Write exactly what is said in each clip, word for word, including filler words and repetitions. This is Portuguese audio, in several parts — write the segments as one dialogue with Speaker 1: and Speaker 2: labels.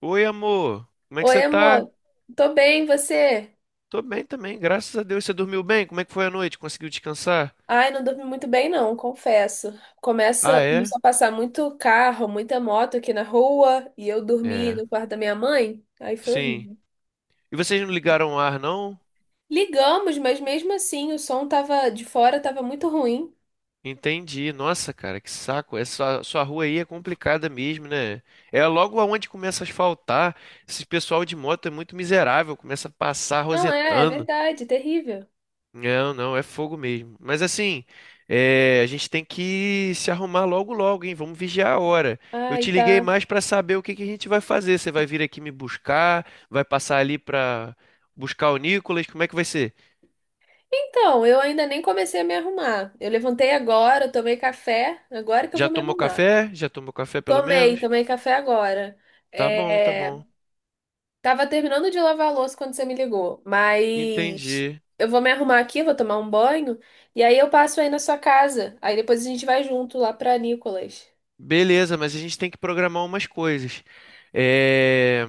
Speaker 1: Oi, amor. Como é que
Speaker 2: Oi,
Speaker 1: você tá?
Speaker 2: amor. Tô bem, e você?
Speaker 1: Tô bem também, graças a Deus. Você dormiu bem? Como é que foi a noite? Conseguiu descansar?
Speaker 2: Ai, não dormi muito bem, não, confesso.
Speaker 1: Ah,
Speaker 2: Começa,
Speaker 1: é?
Speaker 2: começou a passar muito carro, muita moto aqui na rua e eu dormi
Speaker 1: É.
Speaker 2: no quarto da minha mãe. Aí foi
Speaker 1: Sim.
Speaker 2: horrível.
Speaker 1: E vocês não ligaram o ar, não?
Speaker 2: Ligamos, mas mesmo assim o som tava de fora, tava muito ruim.
Speaker 1: Entendi. Nossa, cara, que saco. Essa sua rua aí é complicada mesmo, né? É logo aonde começa a asfaltar. Esse pessoal de moto é muito miserável, começa a passar
Speaker 2: Não é, é
Speaker 1: rosetando.
Speaker 2: verdade, terrível.
Speaker 1: Não, não, é fogo mesmo. Mas assim, é, a gente tem que se arrumar logo logo, hein? Vamos vigiar a hora. Eu
Speaker 2: Ai,
Speaker 1: te liguei
Speaker 2: tá.
Speaker 1: mais pra saber o que que a gente vai fazer. Você vai vir aqui me buscar, vai passar ali pra buscar o Nicolas, como é que vai ser?
Speaker 2: Então, eu ainda nem comecei a me arrumar. Eu levantei agora, eu tomei café, agora que eu
Speaker 1: Já
Speaker 2: vou me
Speaker 1: tomou
Speaker 2: arrumar.
Speaker 1: café? Já tomou café pelo
Speaker 2: Tomei,
Speaker 1: menos?
Speaker 2: tomei café agora.
Speaker 1: Tá bom, tá
Speaker 2: É.
Speaker 1: bom.
Speaker 2: Tava terminando de lavar a louça quando você me ligou, mas
Speaker 1: Entendi.
Speaker 2: eu vou me arrumar aqui, vou tomar um banho e aí eu passo aí na sua casa. Aí depois a gente vai junto lá pra Nicolas.
Speaker 1: Beleza, mas a gente tem que programar umas coisas. É,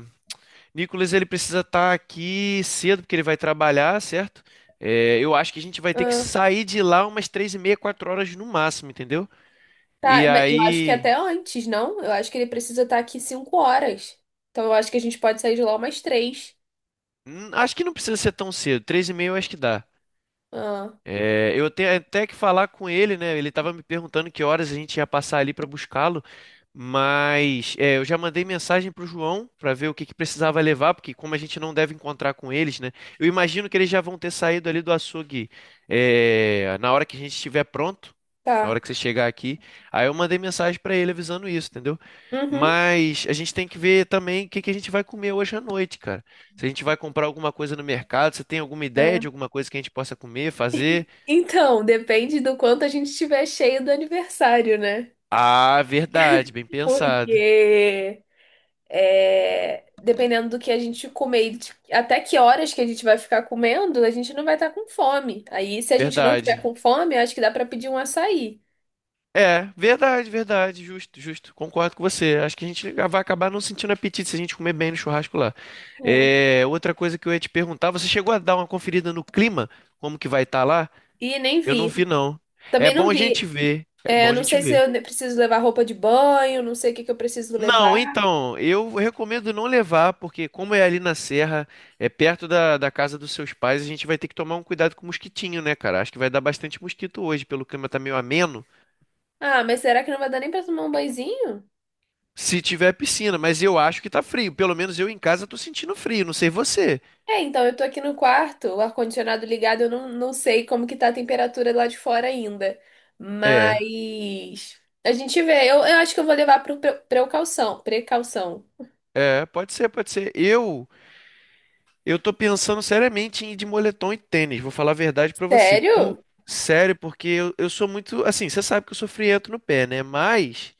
Speaker 1: Nicolas, ele precisa estar aqui cedo, porque ele vai trabalhar, certo? É, eu acho que a gente vai ter que
Speaker 2: Ah,
Speaker 1: sair de lá umas três e meia, quatro horas no máximo, entendeu? E
Speaker 2: tá, mas eu acho que
Speaker 1: aí.
Speaker 2: até antes, não? Eu acho que ele precisa estar aqui cinco horas. Então eu acho que a gente pode sair de lá umas três.
Speaker 1: hum, Acho que não precisa ser tão cedo. Três e meia eu acho que dá.
Speaker 2: Ah,
Speaker 1: É, eu tenho até que falar com ele, né? Ele tava me perguntando que horas a gente ia passar ali para buscá-lo, mas é, eu já mandei mensagem pro João para ver o que que precisava levar, porque como a gente não deve encontrar com eles, né? Eu imagino que eles já vão ter saído ali do açougue é, na hora que a gente estiver pronto, na hora
Speaker 2: tá.
Speaker 1: que você chegar aqui. Aí eu mandei mensagem para ele avisando isso, entendeu?
Speaker 2: Uhum.
Speaker 1: Mas a gente tem que ver também o que que a gente vai comer hoje à noite, cara. Se a gente vai comprar alguma coisa no mercado, você tem alguma ideia
Speaker 2: É.
Speaker 1: de alguma coisa que a gente possa comer, fazer?
Speaker 2: Então, depende do quanto a gente estiver cheio do aniversário, né?
Speaker 1: Ah, verdade, bem pensado.
Speaker 2: Porque é, dependendo do que a gente comer, e de- até que horas que a gente vai ficar comendo, a gente não vai estar com fome. Aí, se a gente não tiver
Speaker 1: Verdade.
Speaker 2: com fome, eu acho que dá para pedir um açaí.
Speaker 1: É, verdade, verdade, justo, justo. Concordo com você. Acho que a gente vai acabar não sentindo apetite se a gente comer bem no churrasco lá.
Speaker 2: É.
Speaker 1: É, outra coisa que eu ia te perguntar, você chegou a dar uma conferida no clima? Como que vai estar lá?
Speaker 2: E nem
Speaker 1: Eu não vi,
Speaker 2: vi.
Speaker 1: não. É
Speaker 2: Também
Speaker 1: bom
Speaker 2: não
Speaker 1: a gente
Speaker 2: vi.
Speaker 1: ver. É
Speaker 2: É,
Speaker 1: bom
Speaker 2: eu
Speaker 1: a
Speaker 2: não
Speaker 1: gente
Speaker 2: sei se
Speaker 1: ver.
Speaker 2: eu ne- preciso levar roupa de banho, não sei o que que eu preciso levar.
Speaker 1: Não, então, eu recomendo não levar, porque como é ali na serra, é perto da, da casa dos seus pais, a gente vai ter que tomar um cuidado com o mosquitinho, né, cara? Acho que vai dar bastante mosquito hoje, pelo clima tá meio ameno.
Speaker 2: Ah, mas será que não vai dar nem para tomar um banhozinho?
Speaker 1: Se tiver piscina, mas eu acho que tá frio. Pelo menos eu em casa tô sentindo frio, não sei você.
Speaker 2: É, então, eu tô aqui no quarto, o ar-condicionado ligado, eu não, não sei como que tá a temperatura lá de fora ainda.
Speaker 1: É,
Speaker 2: Mas a gente vê. Eu, eu acho que eu vou levar pro pre- precaução. Precaução.
Speaker 1: é, pode ser, pode ser. Eu, eu tô pensando seriamente em ir de moletom e tênis. Vou falar a verdade pra você. Pu-
Speaker 2: Sério?
Speaker 1: sério, porque eu, eu sou muito, assim, você sabe que eu sou friento no pé, né? Mas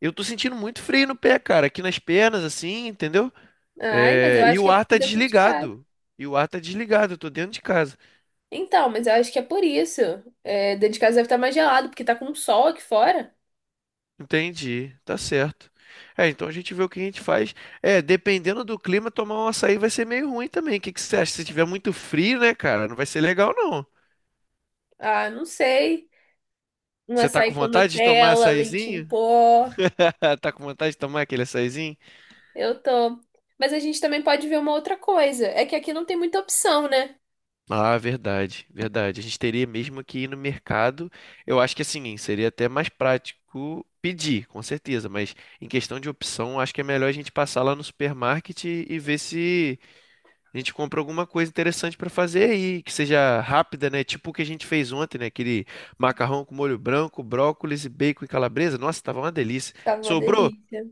Speaker 1: eu tô sentindo muito frio no pé, cara, aqui nas pernas, assim, entendeu?
Speaker 2: Ai, mas eu
Speaker 1: É, e
Speaker 2: acho que
Speaker 1: o
Speaker 2: é
Speaker 1: ar
Speaker 2: porque tá
Speaker 1: tá
Speaker 2: dentro de casa.
Speaker 1: desligado. E o ar tá desligado, eu tô dentro de casa.
Speaker 2: Então, mas eu acho que é por isso. É, dentro de casa deve estar mais gelado, porque tá com sol aqui fora.
Speaker 1: Entendi, tá certo. É, então a gente vê o que a gente faz. É, dependendo do clima, tomar um açaí vai ser meio ruim também. O que que você acha? Se tiver muito frio, né, cara? Não vai ser legal, não.
Speaker 2: Ah, não sei. Um
Speaker 1: Você tá
Speaker 2: açaí
Speaker 1: com
Speaker 2: com
Speaker 1: vontade de tomar
Speaker 2: Nutella, leite em
Speaker 1: açaizinho?
Speaker 2: pó.
Speaker 1: Tá com vontade de tomar aquele açaizinho?
Speaker 2: Eu tô. Mas a gente também pode ver uma outra coisa. É que aqui não tem muita opção, né?
Speaker 1: Ah, verdade, verdade. A gente teria mesmo que ir no mercado. Eu acho que assim, seria até mais prático pedir, com certeza. Mas em questão de opção, acho que é melhor a gente passar lá no supermarket e ver se. A gente compra alguma coisa interessante para fazer e que seja rápida, né? Tipo o que a gente fez ontem, né? Aquele macarrão com molho branco, brócolis e bacon e calabresa. Nossa, tava uma delícia.
Speaker 2: Tava uma
Speaker 1: Sobrou?
Speaker 2: delícia.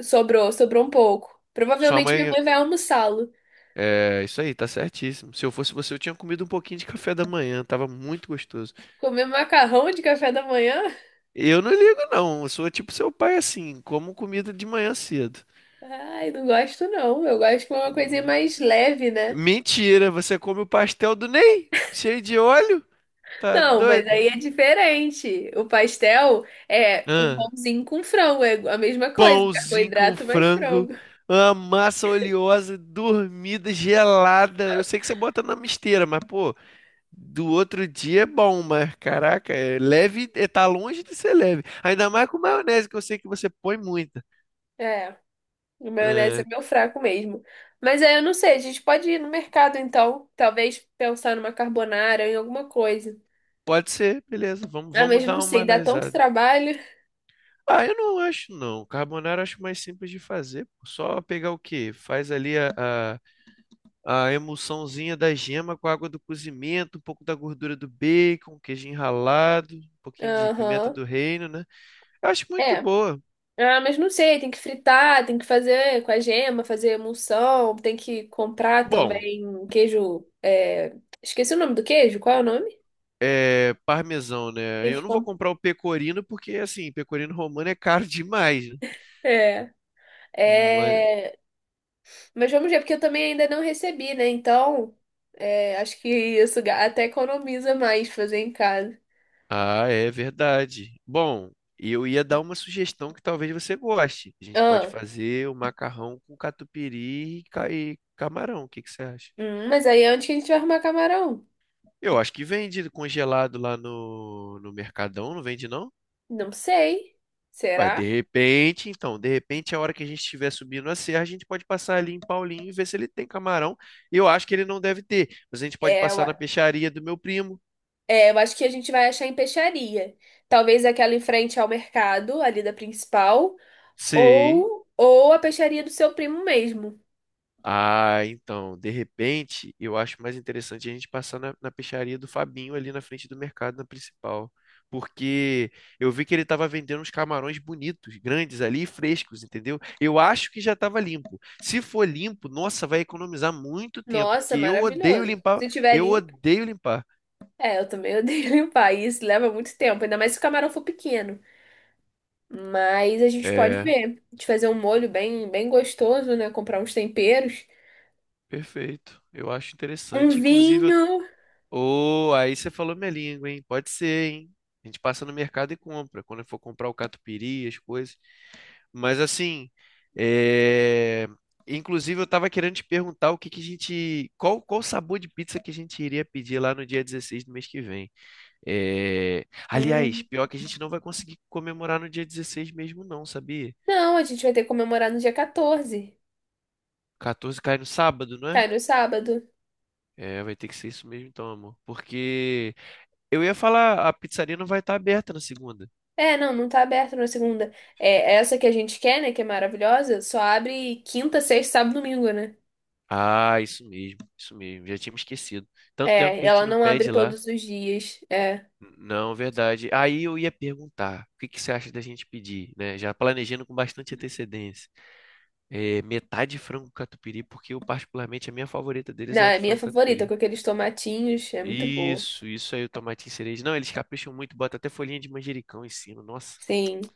Speaker 2: Sobrou, sobrou um pouco.
Speaker 1: Sua
Speaker 2: Provavelmente minha
Speaker 1: mãe.
Speaker 2: mãe vai almoçá-lo.
Speaker 1: É, isso aí, tá certíssimo. Se eu fosse você, eu tinha comido um pouquinho de café da manhã, tava muito gostoso.
Speaker 2: Comer macarrão de café da manhã?
Speaker 1: Eu não ligo, não. Eu sou tipo seu pai assim, como comida de manhã cedo.
Speaker 2: Ai, não gosto não. Eu gosto com uma coisinha mais leve, né?
Speaker 1: Mentira, você come o pastel do Ney? Cheio de óleo? Tá
Speaker 2: Não, mas
Speaker 1: doido?
Speaker 2: aí é diferente. O pastel é um
Speaker 1: Ahn.
Speaker 2: pãozinho com frango, é a mesma coisa,
Speaker 1: Pãozinho com
Speaker 2: carboidrato mais
Speaker 1: frango,
Speaker 2: frango.
Speaker 1: uma massa oleosa, dormida, gelada. Eu sei que você bota na misteira, mas, pô, do outro dia é bom, mas, caraca, é leve, é, tá longe de ser leve. Ainda mais com maionese, que eu sei que você põe muita.
Speaker 2: É, o maionese é
Speaker 1: É,
Speaker 2: meu fraco mesmo. Mas aí eu não sei, a gente pode ir no mercado então, talvez pensar numa carbonara, em alguma coisa.
Speaker 1: pode ser, beleza, vamos,
Speaker 2: Ah,
Speaker 1: vamos
Speaker 2: mas não
Speaker 1: dar uma
Speaker 2: sei, dá tanto
Speaker 1: analisada.
Speaker 2: trabalho.
Speaker 1: Ah, eu não acho, não. Carbonara eu acho mais simples de fazer. Pô. Só pegar o quê? Faz ali a... a- a emulsãozinha da gema com a água do cozimento, um pouco da gordura do bacon, queijo ralado, um pouquinho de pimenta
Speaker 2: Aham.
Speaker 1: do reino, né? Eu acho muito de
Speaker 2: É.
Speaker 1: boa.
Speaker 2: Ah, mas não sei, tem que fritar, tem que fazer com a gema, fazer emulsão, tem que comprar
Speaker 1: Bom,
Speaker 2: também queijo. É, esqueci o nome do queijo, qual é o nome?
Speaker 1: é parmesão, né?
Speaker 2: Tem
Speaker 1: Eu
Speaker 2: que
Speaker 1: não vou
Speaker 2: comprar.
Speaker 1: comprar o pecorino porque, assim, pecorino romano é caro demais, né?
Speaker 2: É,
Speaker 1: Mas-
Speaker 2: é, mas vamos ver, porque eu também ainda não recebi, né? Então, é, acho que isso ga- até economiza mais fazer em casa.
Speaker 1: Ah, é verdade. Bom, eu ia dar uma sugestão que talvez você goste. A gente pode
Speaker 2: Ah,
Speaker 1: fazer o macarrão com catupiry e ca- e camarão. O que que você acha?
Speaker 2: hum, mas aí onde que a gente vai arrumar camarão?
Speaker 1: Eu acho que vende congelado lá no, no Mercadão, não vende não?
Speaker 2: Não sei.
Speaker 1: Ué, de
Speaker 2: Será?
Speaker 1: repente, então, de repente, a hora que a gente estiver subindo a serra, a gente pode passar ali em Paulinho e ver se ele tem camarão. Eu acho que ele não deve ter, mas a gente pode
Speaker 2: É, eu
Speaker 1: passar na peixaria do meu primo.
Speaker 2: É, eu acho que a gente vai achar em peixaria. Talvez aquela em frente ao mercado, ali da principal,
Speaker 1: Sei.
Speaker 2: ou, ou a peixaria do seu primo mesmo.
Speaker 1: Ah, então, de repente, eu acho mais interessante a gente passar na, na peixaria do Fabinho ali na frente do mercado, na principal. Porque eu vi que ele estava vendendo uns camarões bonitos, grandes ali, e frescos, entendeu? Eu acho que já estava limpo. Se for limpo, nossa, vai economizar muito tempo, porque
Speaker 2: Nossa,
Speaker 1: eu odeio
Speaker 2: maravilhoso.
Speaker 1: limpar.
Speaker 2: Se tiver
Speaker 1: Eu
Speaker 2: limpo.
Speaker 1: odeio limpar.
Speaker 2: É, eu também odeio limpar. e Isso leva muito tempo, ainda mais se o camarão for pequeno. Mas a gente pode
Speaker 1: É,
Speaker 2: ver. A gente fazer um molho bem, bem gostoso, né? Comprar uns temperos.
Speaker 1: perfeito. Eu acho
Speaker 2: Um
Speaker 1: interessante. Inclusive. eu...
Speaker 2: vinho.
Speaker 1: Oh, aí você falou minha língua, hein? Pode ser, hein? A gente passa no mercado e compra. Quando for comprar o catupiry, as coisas. Mas assim, é, inclusive eu tava querendo te perguntar o que que a gente, qual qual sabor de pizza que a gente iria pedir lá no dia dezesseis do mês que vem. É, aliás,
Speaker 2: Hum.
Speaker 1: pior que a gente não vai conseguir comemorar no dia dezesseis mesmo não, sabia?
Speaker 2: Não, a gente vai ter que comemorar no dia quatorze.
Speaker 1: Quatorze cai no sábado, não é?
Speaker 2: Cai no sábado.
Speaker 1: É, vai ter que ser isso mesmo então, amor. Porque eu ia falar, a pizzaria não vai estar aberta na segunda.
Speaker 2: É, não, não tá aberto na segunda. É, essa que a gente quer, né, que é maravilhosa, só abre quinta, sexta, sábado, e domingo, né?
Speaker 1: Ah, isso mesmo, isso mesmo. Já tínhamos esquecido. Tanto tempo
Speaker 2: É,
Speaker 1: que a gente
Speaker 2: ela
Speaker 1: não
Speaker 2: não abre
Speaker 1: pede lá.
Speaker 2: todos os dias. É.
Speaker 1: Não, verdade. Aí eu ia perguntar, o que que você acha da gente pedir, né? Já planejando com bastante antecedência. É, metade de frango catupiry, porque eu particularmente a minha favorita
Speaker 2: Não,
Speaker 1: deles é a
Speaker 2: é
Speaker 1: de
Speaker 2: minha
Speaker 1: frango
Speaker 2: favorita,
Speaker 1: catupiry.
Speaker 2: com aqueles tomatinhos, é muito boa.
Speaker 1: Isso, isso aí o tomatinho cereja. Não, eles capricham muito, bota até folhinha de manjericão em cima, nossa.
Speaker 2: Sim.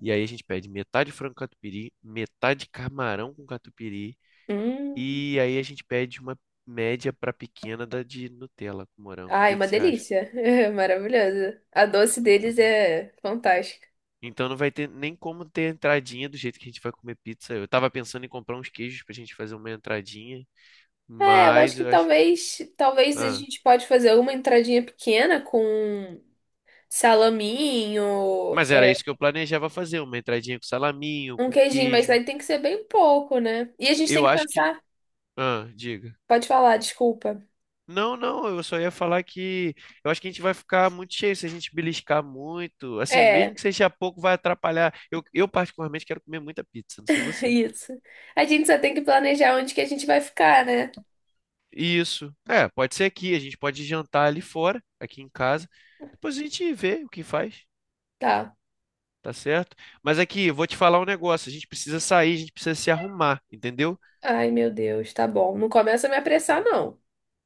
Speaker 1: E aí a gente pede metade frango catupiry, metade camarão com catupiry
Speaker 2: Hum.
Speaker 1: e aí a gente pede uma média para pequena da de Nutella com morango. O
Speaker 2: Ai,
Speaker 1: que que
Speaker 2: uma
Speaker 1: você acha?
Speaker 2: delícia. É maravilhosa. A doce
Speaker 1: Então tá
Speaker 2: deles
Speaker 1: bom.
Speaker 2: é fantástica.
Speaker 1: Então não vai ter nem como ter entradinha do jeito que a gente vai comer pizza. Eu tava pensando em comprar uns queijos pra gente fazer uma entradinha,
Speaker 2: É, eu acho
Speaker 1: mas
Speaker 2: que
Speaker 1: eu acho.
Speaker 2: talvez, talvez a
Speaker 1: Ah,
Speaker 2: gente pode fazer alguma entradinha pequena com salaminho,
Speaker 1: mas era
Speaker 2: é,
Speaker 1: isso que eu planejava fazer, uma entradinha com salaminho,
Speaker 2: um
Speaker 1: com
Speaker 2: queijinho, mas
Speaker 1: queijo.
Speaker 2: aí tem que ser bem pouco, né? E a gente tem
Speaker 1: Eu
Speaker 2: que
Speaker 1: acho que.
Speaker 2: pensar.
Speaker 1: Ah, diga.
Speaker 2: Pode falar, desculpa.
Speaker 1: Não, não, eu só ia falar que eu acho que a gente vai ficar muito cheio se a gente beliscar muito. Assim, mesmo que
Speaker 2: É,
Speaker 1: seja pouco, vai atrapalhar. Eu, eu particularmente quero comer muita pizza, não sei você.
Speaker 2: isso. A gente só tem que planejar onde que a gente vai ficar, né?
Speaker 1: Isso. É, pode ser aqui, a gente pode jantar ali fora, aqui em casa. Depois a gente vê o que faz,
Speaker 2: Tá.
Speaker 1: tá certo? Mas aqui, eu vou te falar um negócio, a gente precisa sair, a gente precisa se arrumar, entendeu?
Speaker 2: Ai, meu Deus, tá bom. Não começa a me apressar, não.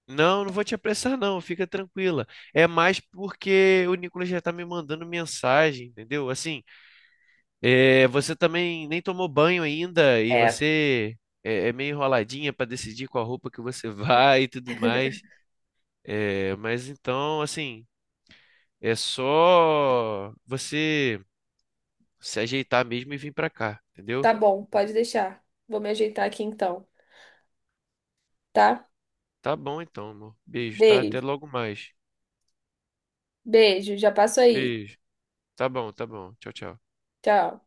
Speaker 1: Não, não vou te apressar não, fica tranquila. É mais porque o Nicolas já tá me mandando mensagem, entendeu? Assim, é, você também nem tomou banho ainda e
Speaker 2: É,
Speaker 1: você é, é meio enroladinha pra decidir qual roupa que você vai e tudo mais. É, mas então, assim, é só você se ajeitar mesmo e vir pra cá, entendeu?
Speaker 2: tá bom, pode deixar. Vou me ajeitar aqui então, tá?
Speaker 1: Tá bom então, amor. Beijo, tá? Até
Speaker 2: Beijo.
Speaker 1: logo mais.
Speaker 2: Beijo, já passo aí.
Speaker 1: Beijo. Tá bom, tá bom. Tchau, tchau.
Speaker 2: Tchau.